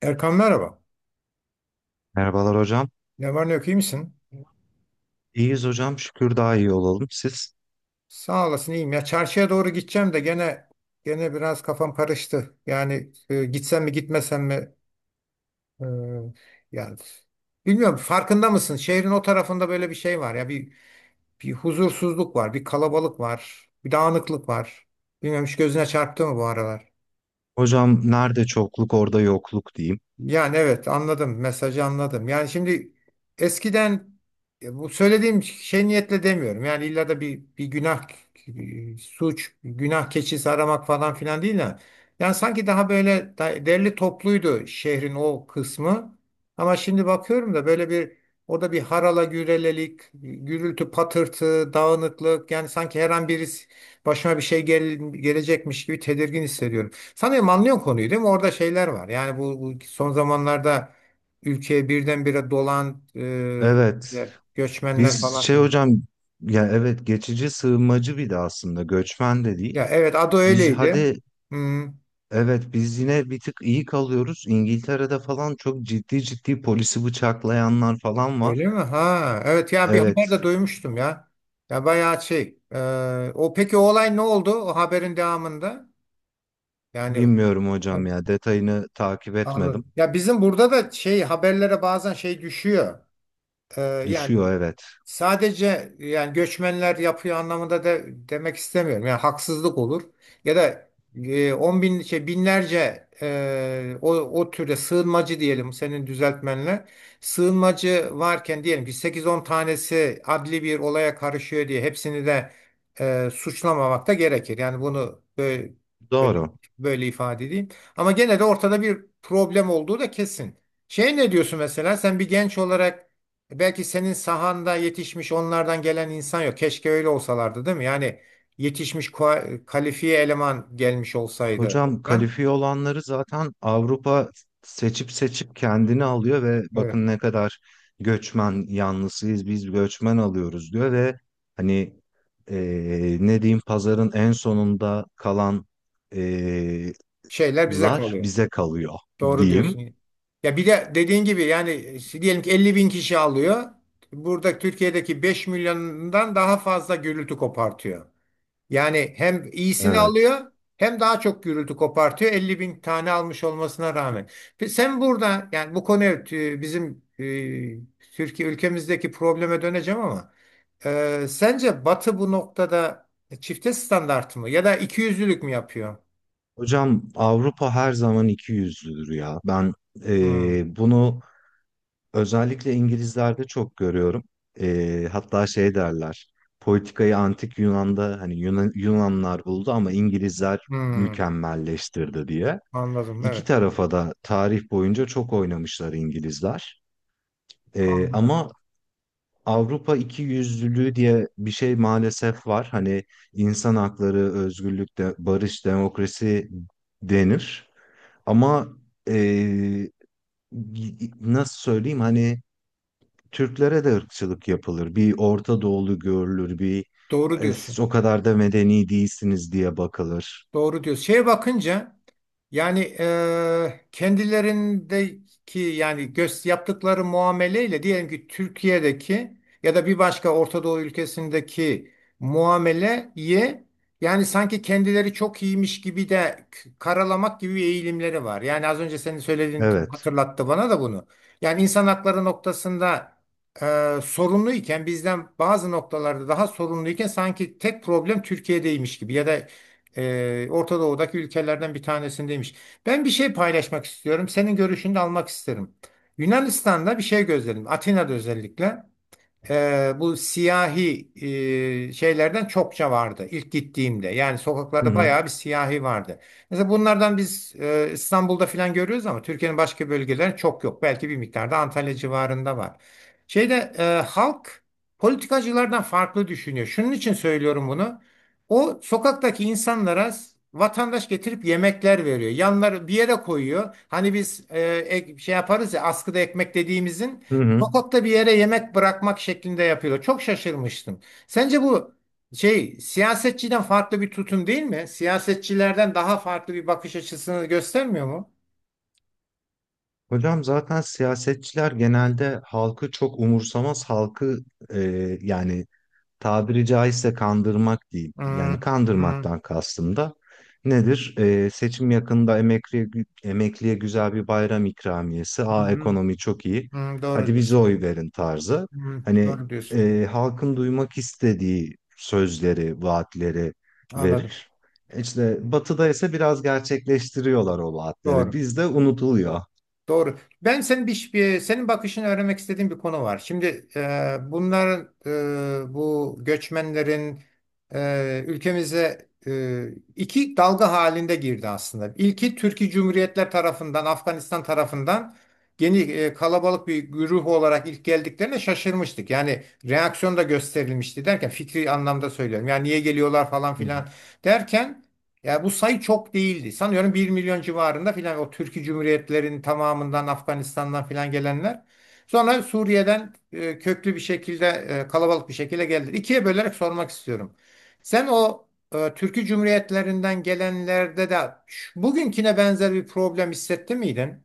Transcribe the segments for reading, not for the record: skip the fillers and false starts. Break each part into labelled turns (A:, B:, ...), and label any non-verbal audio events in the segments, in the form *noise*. A: Erkan merhaba.
B: Merhabalar hocam.
A: Ne var ne yok iyi misin?
B: İyiyiz hocam. Şükür daha iyi olalım. Siz?
A: Sağ olasın iyiyim. Ya çarşıya doğru gideceğim de gene biraz kafam karıştı. Yani gitsem mi gitmesem mi? E, yani bilmiyorum farkında mısın? Şehrin o tarafında böyle bir şey var ya bir huzursuzluk var, bir kalabalık var, bir dağınıklık var. Bilmiyorum hiç gözüne çarptı mı bu aralar?
B: Hocam nerede çokluk orada yokluk diyeyim.
A: Yani evet anladım, mesajı anladım. Yani şimdi eskiden bu söylediğim şey niyetle demiyorum. Yani illa da bir günah suç, günah keçisi aramak falan filan değil ya. Yani sanki daha böyle derli topluydu şehrin o kısmı. Ama şimdi bakıyorum da böyle bir, orada bir harala gürelelik, gürültü, patırtı, dağınıklık, yani sanki her an birisi başıma bir şey gelecekmiş gibi tedirgin hissediyorum. Sanırım anlıyorsun konuyu, değil mi? Orada şeyler var. Yani bu son zamanlarda ülkeye birdenbire dolan
B: Evet.
A: böyle göçmenler
B: Biz
A: falan filan.
B: hocam, ya evet geçici sığınmacı, bir de aslında göçmen de
A: Ya
B: değil.
A: evet, adı
B: Biz
A: öyleydi.
B: hadi
A: Hmm,
B: evet, biz yine bir tık iyi kalıyoruz. İngiltere'de falan çok ciddi polisi bıçaklayanlar falan
A: öyle
B: var.
A: mi? Ha evet, ya bir haber de
B: Evet.
A: duymuştum ya. Ya bayağı şey. O peki, o olay ne oldu o haberin devamında? Yani
B: Bilmiyorum hocam,
A: evet,
B: ya detayını takip etmedim.
A: anladım. Ya bizim burada da şey, haberlere bazen şey düşüyor. E, yani
B: Düşüyor evet.
A: Sadece yani göçmenler yapıyor anlamında da demek istemiyorum. Yani haksızlık olur. Ya da 10.000, şey, binlerce o türde sığınmacı diyelim senin düzeltmenle. Sığınmacı varken, diyelim ki 8-10 tanesi adli bir olaya karışıyor diye hepsini de suçlamamak da gerekir. Yani bunu böyle,
B: Doğru.
A: böyle ifade edeyim. Ama gene de ortada bir problem olduğu da kesin. Şey, ne diyorsun mesela sen bir genç olarak? Belki senin sahanda yetişmiş onlardan gelen insan yok. Keşke öyle olsalardı, değil mi? Yani yetişmiş kalifiye eleman gelmiş olsaydı.
B: Hocam
A: Lan,
B: kalifiye olanları zaten Avrupa seçip kendini alıyor ve
A: evet.
B: bakın ne kadar göçmen yanlısıyız, biz göçmen alıyoruz diyor ve hani ne diyeyim, pazarın en sonunda kalan eee,
A: Şeyler bize
B: lar
A: kalıyor.
B: bize kalıyor
A: Doğru
B: diyeyim.
A: diyorsun. Ya bir de dediğin gibi yani diyelim ki 50.000 kişi alıyor. Burada Türkiye'deki 5 milyondan daha fazla gürültü kopartıyor. Yani hem iyisini
B: Evet.
A: alıyor hem daha çok gürültü kopartıyor. 50.000 tane almış olmasına rağmen. Sen burada yani, bu konu evet, bizim Türkiye ülkemizdeki probleme döneceğim ama sence Batı bu noktada çifte standart mı ya da ikiyüzlülük mü yapıyor?
B: Hocam Avrupa her zaman iki yüzlüdür ya. Ben
A: Hmm,
B: bunu Özellikle İngilizlerde çok görüyorum. Hatta derler. Politikayı antik Yunan'da, hani Yunanlar buldu ama İngilizler
A: hmm,
B: mükemmelleştirdi diye.
A: anladım,
B: İki
A: evet
B: tarafa da tarih boyunca çok oynamışlar İngilizler. Ee,
A: anladım.
B: ama Avrupa iki yüzlülüğü diye bir şey maalesef var. Hani insan hakları, özgürlük, barış, demokrasi denir. Ama ee, nasıl söyleyeyim, hani Türklere de ırkçılık yapılır. Bir Orta Doğulu görülür, bir
A: Doğru diyorsun.
B: Siz o kadar da medeni değilsiniz" diye bakılır.
A: Doğru diyorsun. Şeye bakınca yani kendilerindeki yani göz yaptıkları muameleyle diyelim ki Türkiye'deki ya da bir başka Orta Doğu ülkesindeki muameleye, yani sanki kendileri çok iyiymiş gibi de karalamak gibi eğilimleri var. Yani az önce senin söylediğin
B: Evet.
A: hatırlattı bana da bunu. Yani insan hakları noktasında sorunluyken, bizden bazı noktalarda daha sorunluyken sanki tek problem Türkiye'deymiş gibi ya da Orta Doğu'daki ülkelerden bir tanesindeymiş. Ben bir şey paylaşmak istiyorum. Senin görüşünü de almak isterim. Yunanistan'da bir şey gözledim. Atina'da özellikle bu siyahi şeylerden çokça vardı ilk gittiğimde. Yani
B: Hı
A: sokaklarda
B: hı.
A: bayağı bir siyahi vardı. Mesela bunlardan biz İstanbul'da falan görüyoruz ama Türkiye'nin başka bölgelerinde çok yok. Belki bir miktarda Antalya civarında var. Şeyde halk politikacılardan farklı düşünüyor. Şunun için söylüyorum bunu. O sokaktaki insanlara vatandaş getirip yemekler veriyor. Yanları bir yere koyuyor. Hani biz şey yaparız ya, askıda ekmek dediğimizin
B: Hı hı.
A: sokakta bir yere yemek bırakmak şeklinde yapıyor. Çok şaşırmıştım. Sence bu şey, siyasetçiden farklı bir tutum değil mi? Siyasetçilerden daha farklı bir bakış açısını göstermiyor mu?
B: Hocam zaten siyasetçiler genelde halkı çok umursamaz, halkı e, yani tabiri caizse kandırmak değil.
A: Hmm,
B: Yani
A: hmm,
B: kandırmaktan kastım da nedir? Seçim yakında emekliye, emekliye güzel bir bayram ikramiyesi. Aa
A: hmm,
B: ekonomi çok iyi.
A: hmm, doğru
B: Hadi bize
A: diyorsun.
B: oy verin tarzı.
A: Hmm,
B: Hani
A: doğru diyorsun.
B: halkın duymak istediği sözleri, vaatleri
A: Anladım.
B: verir. İşte batıda ise biraz gerçekleştiriyorlar o vaatleri.
A: Doğru.
B: Bizde unutuluyor.
A: Doğru. Ben senin senin bakışını öğrenmek istediğim bir konu var. Şimdi bunların bu göçmenlerin ülkemize iki dalga halinde girdi aslında. İlki Türkiye Cumhuriyetler tarafından, Afganistan tarafından yeni, kalabalık bir güruh olarak ilk geldiklerine şaşırmıştık. Yani reaksiyon da gösterilmişti, derken fikri anlamda söylüyorum. Yani niye geliyorlar falan filan derken. Ya bu sayı çok değildi. Sanıyorum 1 milyon civarında filan o Türkiye Cumhuriyetlerinin tamamından Afganistan'dan filan gelenler. Sonra Suriye'den köklü bir şekilde, kalabalık bir şekilde geldi. İkiye bölerek sormak istiyorum. Sen o Türkiye Cumhuriyetlerinden gelenlerde de bugünküne benzer bir problem hissetti miydin?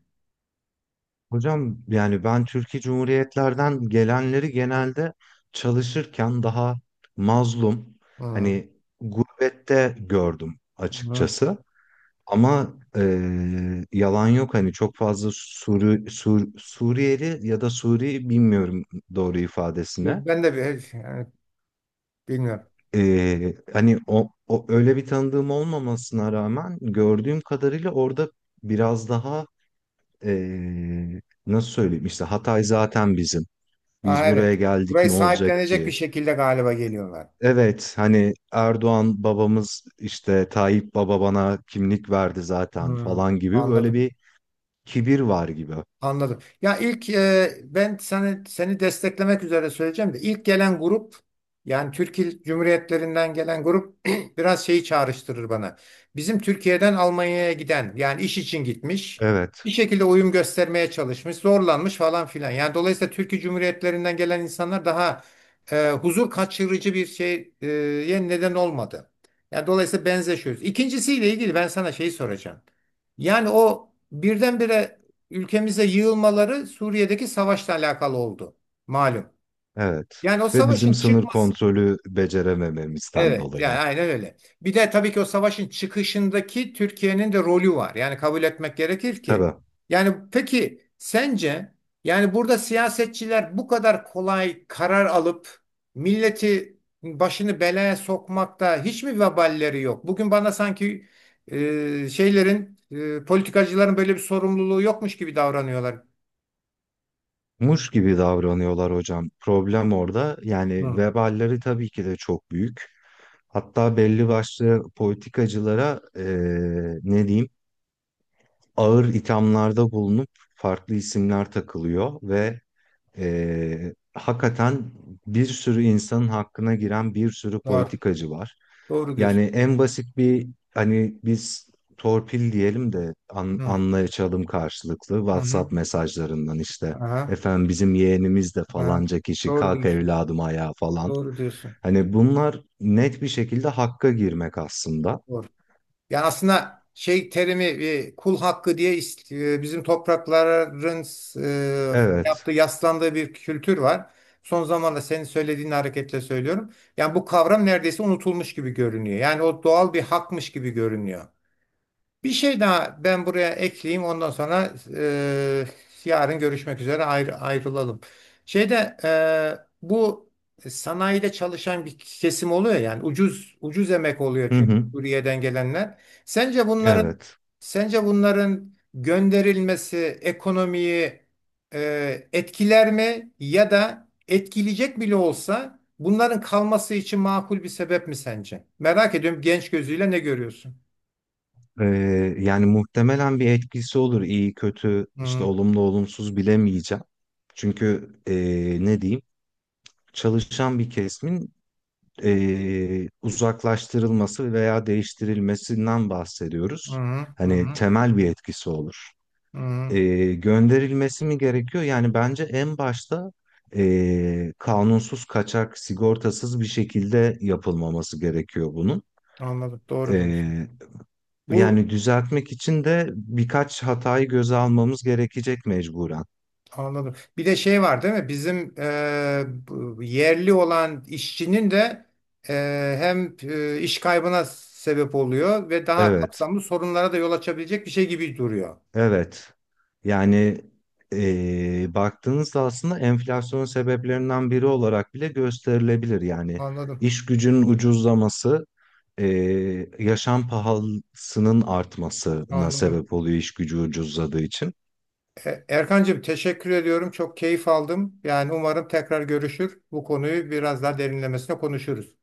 B: Hocam yani ben Türkiye Cumhuriyetlerden gelenleri genelde çalışırken daha mazlum,
A: Hı,
B: hani gurbette gördüm
A: hı.
B: açıkçası. Ama yalan yok, hani çok fazla Suriyeli ya da bilmiyorum doğru ifadesine.
A: Ben de bir, yani bilmiyorum.
B: Hani o öyle bir tanıdığım olmamasına rağmen gördüğüm kadarıyla orada biraz daha nasıl söyleyeyim, işte Hatay zaten bizim.
A: Aa,
B: Biz buraya
A: evet.
B: geldik
A: Burayı
B: ne olacak
A: sahiplenecek bir
B: ki?
A: şekilde galiba geliyorlar.
B: Evet hani Erdoğan babamız, işte Tayyip baba bana kimlik verdi zaten
A: Hı,
B: falan gibi böyle
A: anladım.
B: bir kibir var gibi.
A: Anladım. Ya ilk ben seni desteklemek üzere söyleyeceğim de ilk gelen grup, yani Türk Cumhuriyetlerinden gelen grup *clears throat* biraz şeyi çağrıştırır bana. Bizim Türkiye'den Almanya'ya giden, yani iş için gitmiş, bir
B: Evet,
A: şekilde uyum göstermeye çalışmış, zorlanmış falan filan. Yani dolayısıyla Türkiye Cumhuriyetlerinden gelen insanlar daha huzur kaçırıcı bir şey e neden olmadı. Yani dolayısıyla benzeşiyoruz. İkincisiyle ilgili ben sana şeyi soracağım. Yani o birdenbire ülkemize yığılmaları Suriye'deki savaşla alakalı oldu. Malum.
B: evet.
A: Yani o
B: Ve bizim
A: savaşın
B: sınır
A: çıkması,
B: kontrolü beceremememizden
A: evet,
B: dolayı.
A: yani aynen öyle. Bir de tabii ki o savaşın çıkışındaki Türkiye'nin de rolü var. Yani kabul etmek gerekir ki.
B: Tabii.
A: Yani peki sence yani burada siyasetçiler bu kadar kolay karar alıp milleti başını belaya sokmakta hiç mi veballeri yok? Bugün bana sanki şeylerin, politikacıların böyle bir sorumluluğu yokmuş gibi davranıyorlar.
B: Muş gibi davranıyorlar hocam. Problem orada. Yani
A: Hı,
B: veballeri tabii ki de çok büyük. Hatta belli başlı politikacılara ne diyeyim, ağır ithamlarda bulunup farklı isimler takılıyor ve hakikaten bir sürü insanın hakkına giren bir sürü
A: doğru.
B: politikacı var.
A: Doğru
B: Yani
A: diyorsun.
B: en basit bir, hani biz torpil diyelim de
A: Hı,
B: anlaşalım, karşılıklı
A: hı, hı.
B: WhatsApp mesajlarından işte
A: Aha,
B: efendim bizim yeğenimiz de,
A: aha.
B: falanca kişi
A: Doğru
B: kalk
A: diyorsun.
B: evladım ayağa falan.
A: Doğru diyorsun.
B: Hani bunlar net bir şekilde hakka girmek aslında.
A: Doğru. Yani aslında şey terimi, kul hakkı diye bizim toprakların
B: Evet.
A: yaptığı, yaslandığı bir kültür var. Son zamanlarda senin söylediğin hareketle söylüyorum. Yani bu kavram neredeyse unutulmuş gibi görünüyor. Yani o doğal bir hakmış gibi görünüyor. Bir şey daha ben buraya ekleyeyim. Ondan sonra yarın görüşmek üzere ayrılalım. Şeyde bu sanayide çalışan bir kesim oluyor, yani ucuz ucuz emek oluyor
B: Hı
A: çünkü
B: hı.
A: Suriye'den gelenler. Sence bunların
B: Evet.
A: Sence bunların gönderilmesi ekonomiyi etkiler mi ya da etkileyecek bile olsa bunların kalması için makul bir sebep mi sence? Merak ediyorum, genç gözüyle ne görüyorsun?
B: Ee, Yani muhtemelen bir etkisi olur. iyi kötü, işte
A: Hı.
B: olumlu, olumsuz bilemeyeceğim. Çünkü ne diyeyim? Çalışan bir kesimin uzaklaştırılması veya değiştirilmesinden
A: Hı
B: bahsediyoruz.
A: hı, hı
B: Hani
A: hı,
B: temel bir etkisi olur.
A: hı hı.
B: Gönderilmesi mi gerekiyor? Yani bence en başta kanunsuz, kaçak, sigortasız bir şekilde yapılmaması gerekiyor bunun.
A: Anladım. Doğru diyorsun. Bu
B: Yani düzeltmek için de birkaç hatayı göze almamız gerekecek mecburen.
A: anladım. Bir de şey var, değil mi? Bizim bu yerli olan işçinin de e, hem iş kaybına sebep oluyor ve daha
B: Evet,
A: kapsamlı sorunlara da yol açabilecek bir şey gibi duruyor.
B: evet. Yani baktığınızda aslında enflasyonun sebeplerinden biri olarak bile gösterilebilir. Yani
A: Anladım.
B: iş gücünün ucuzlaması, yaşam pahalısının artmasına
A: Anladım.
B: sebep oluyor iş gücü ucuzladığı için.
A: Erkancığım, teşekkür ediyorum. Çok keyif aldım. Yani umarım tekrar görüşür, bu konuyu biraz daha derinlemesine konuşuruz.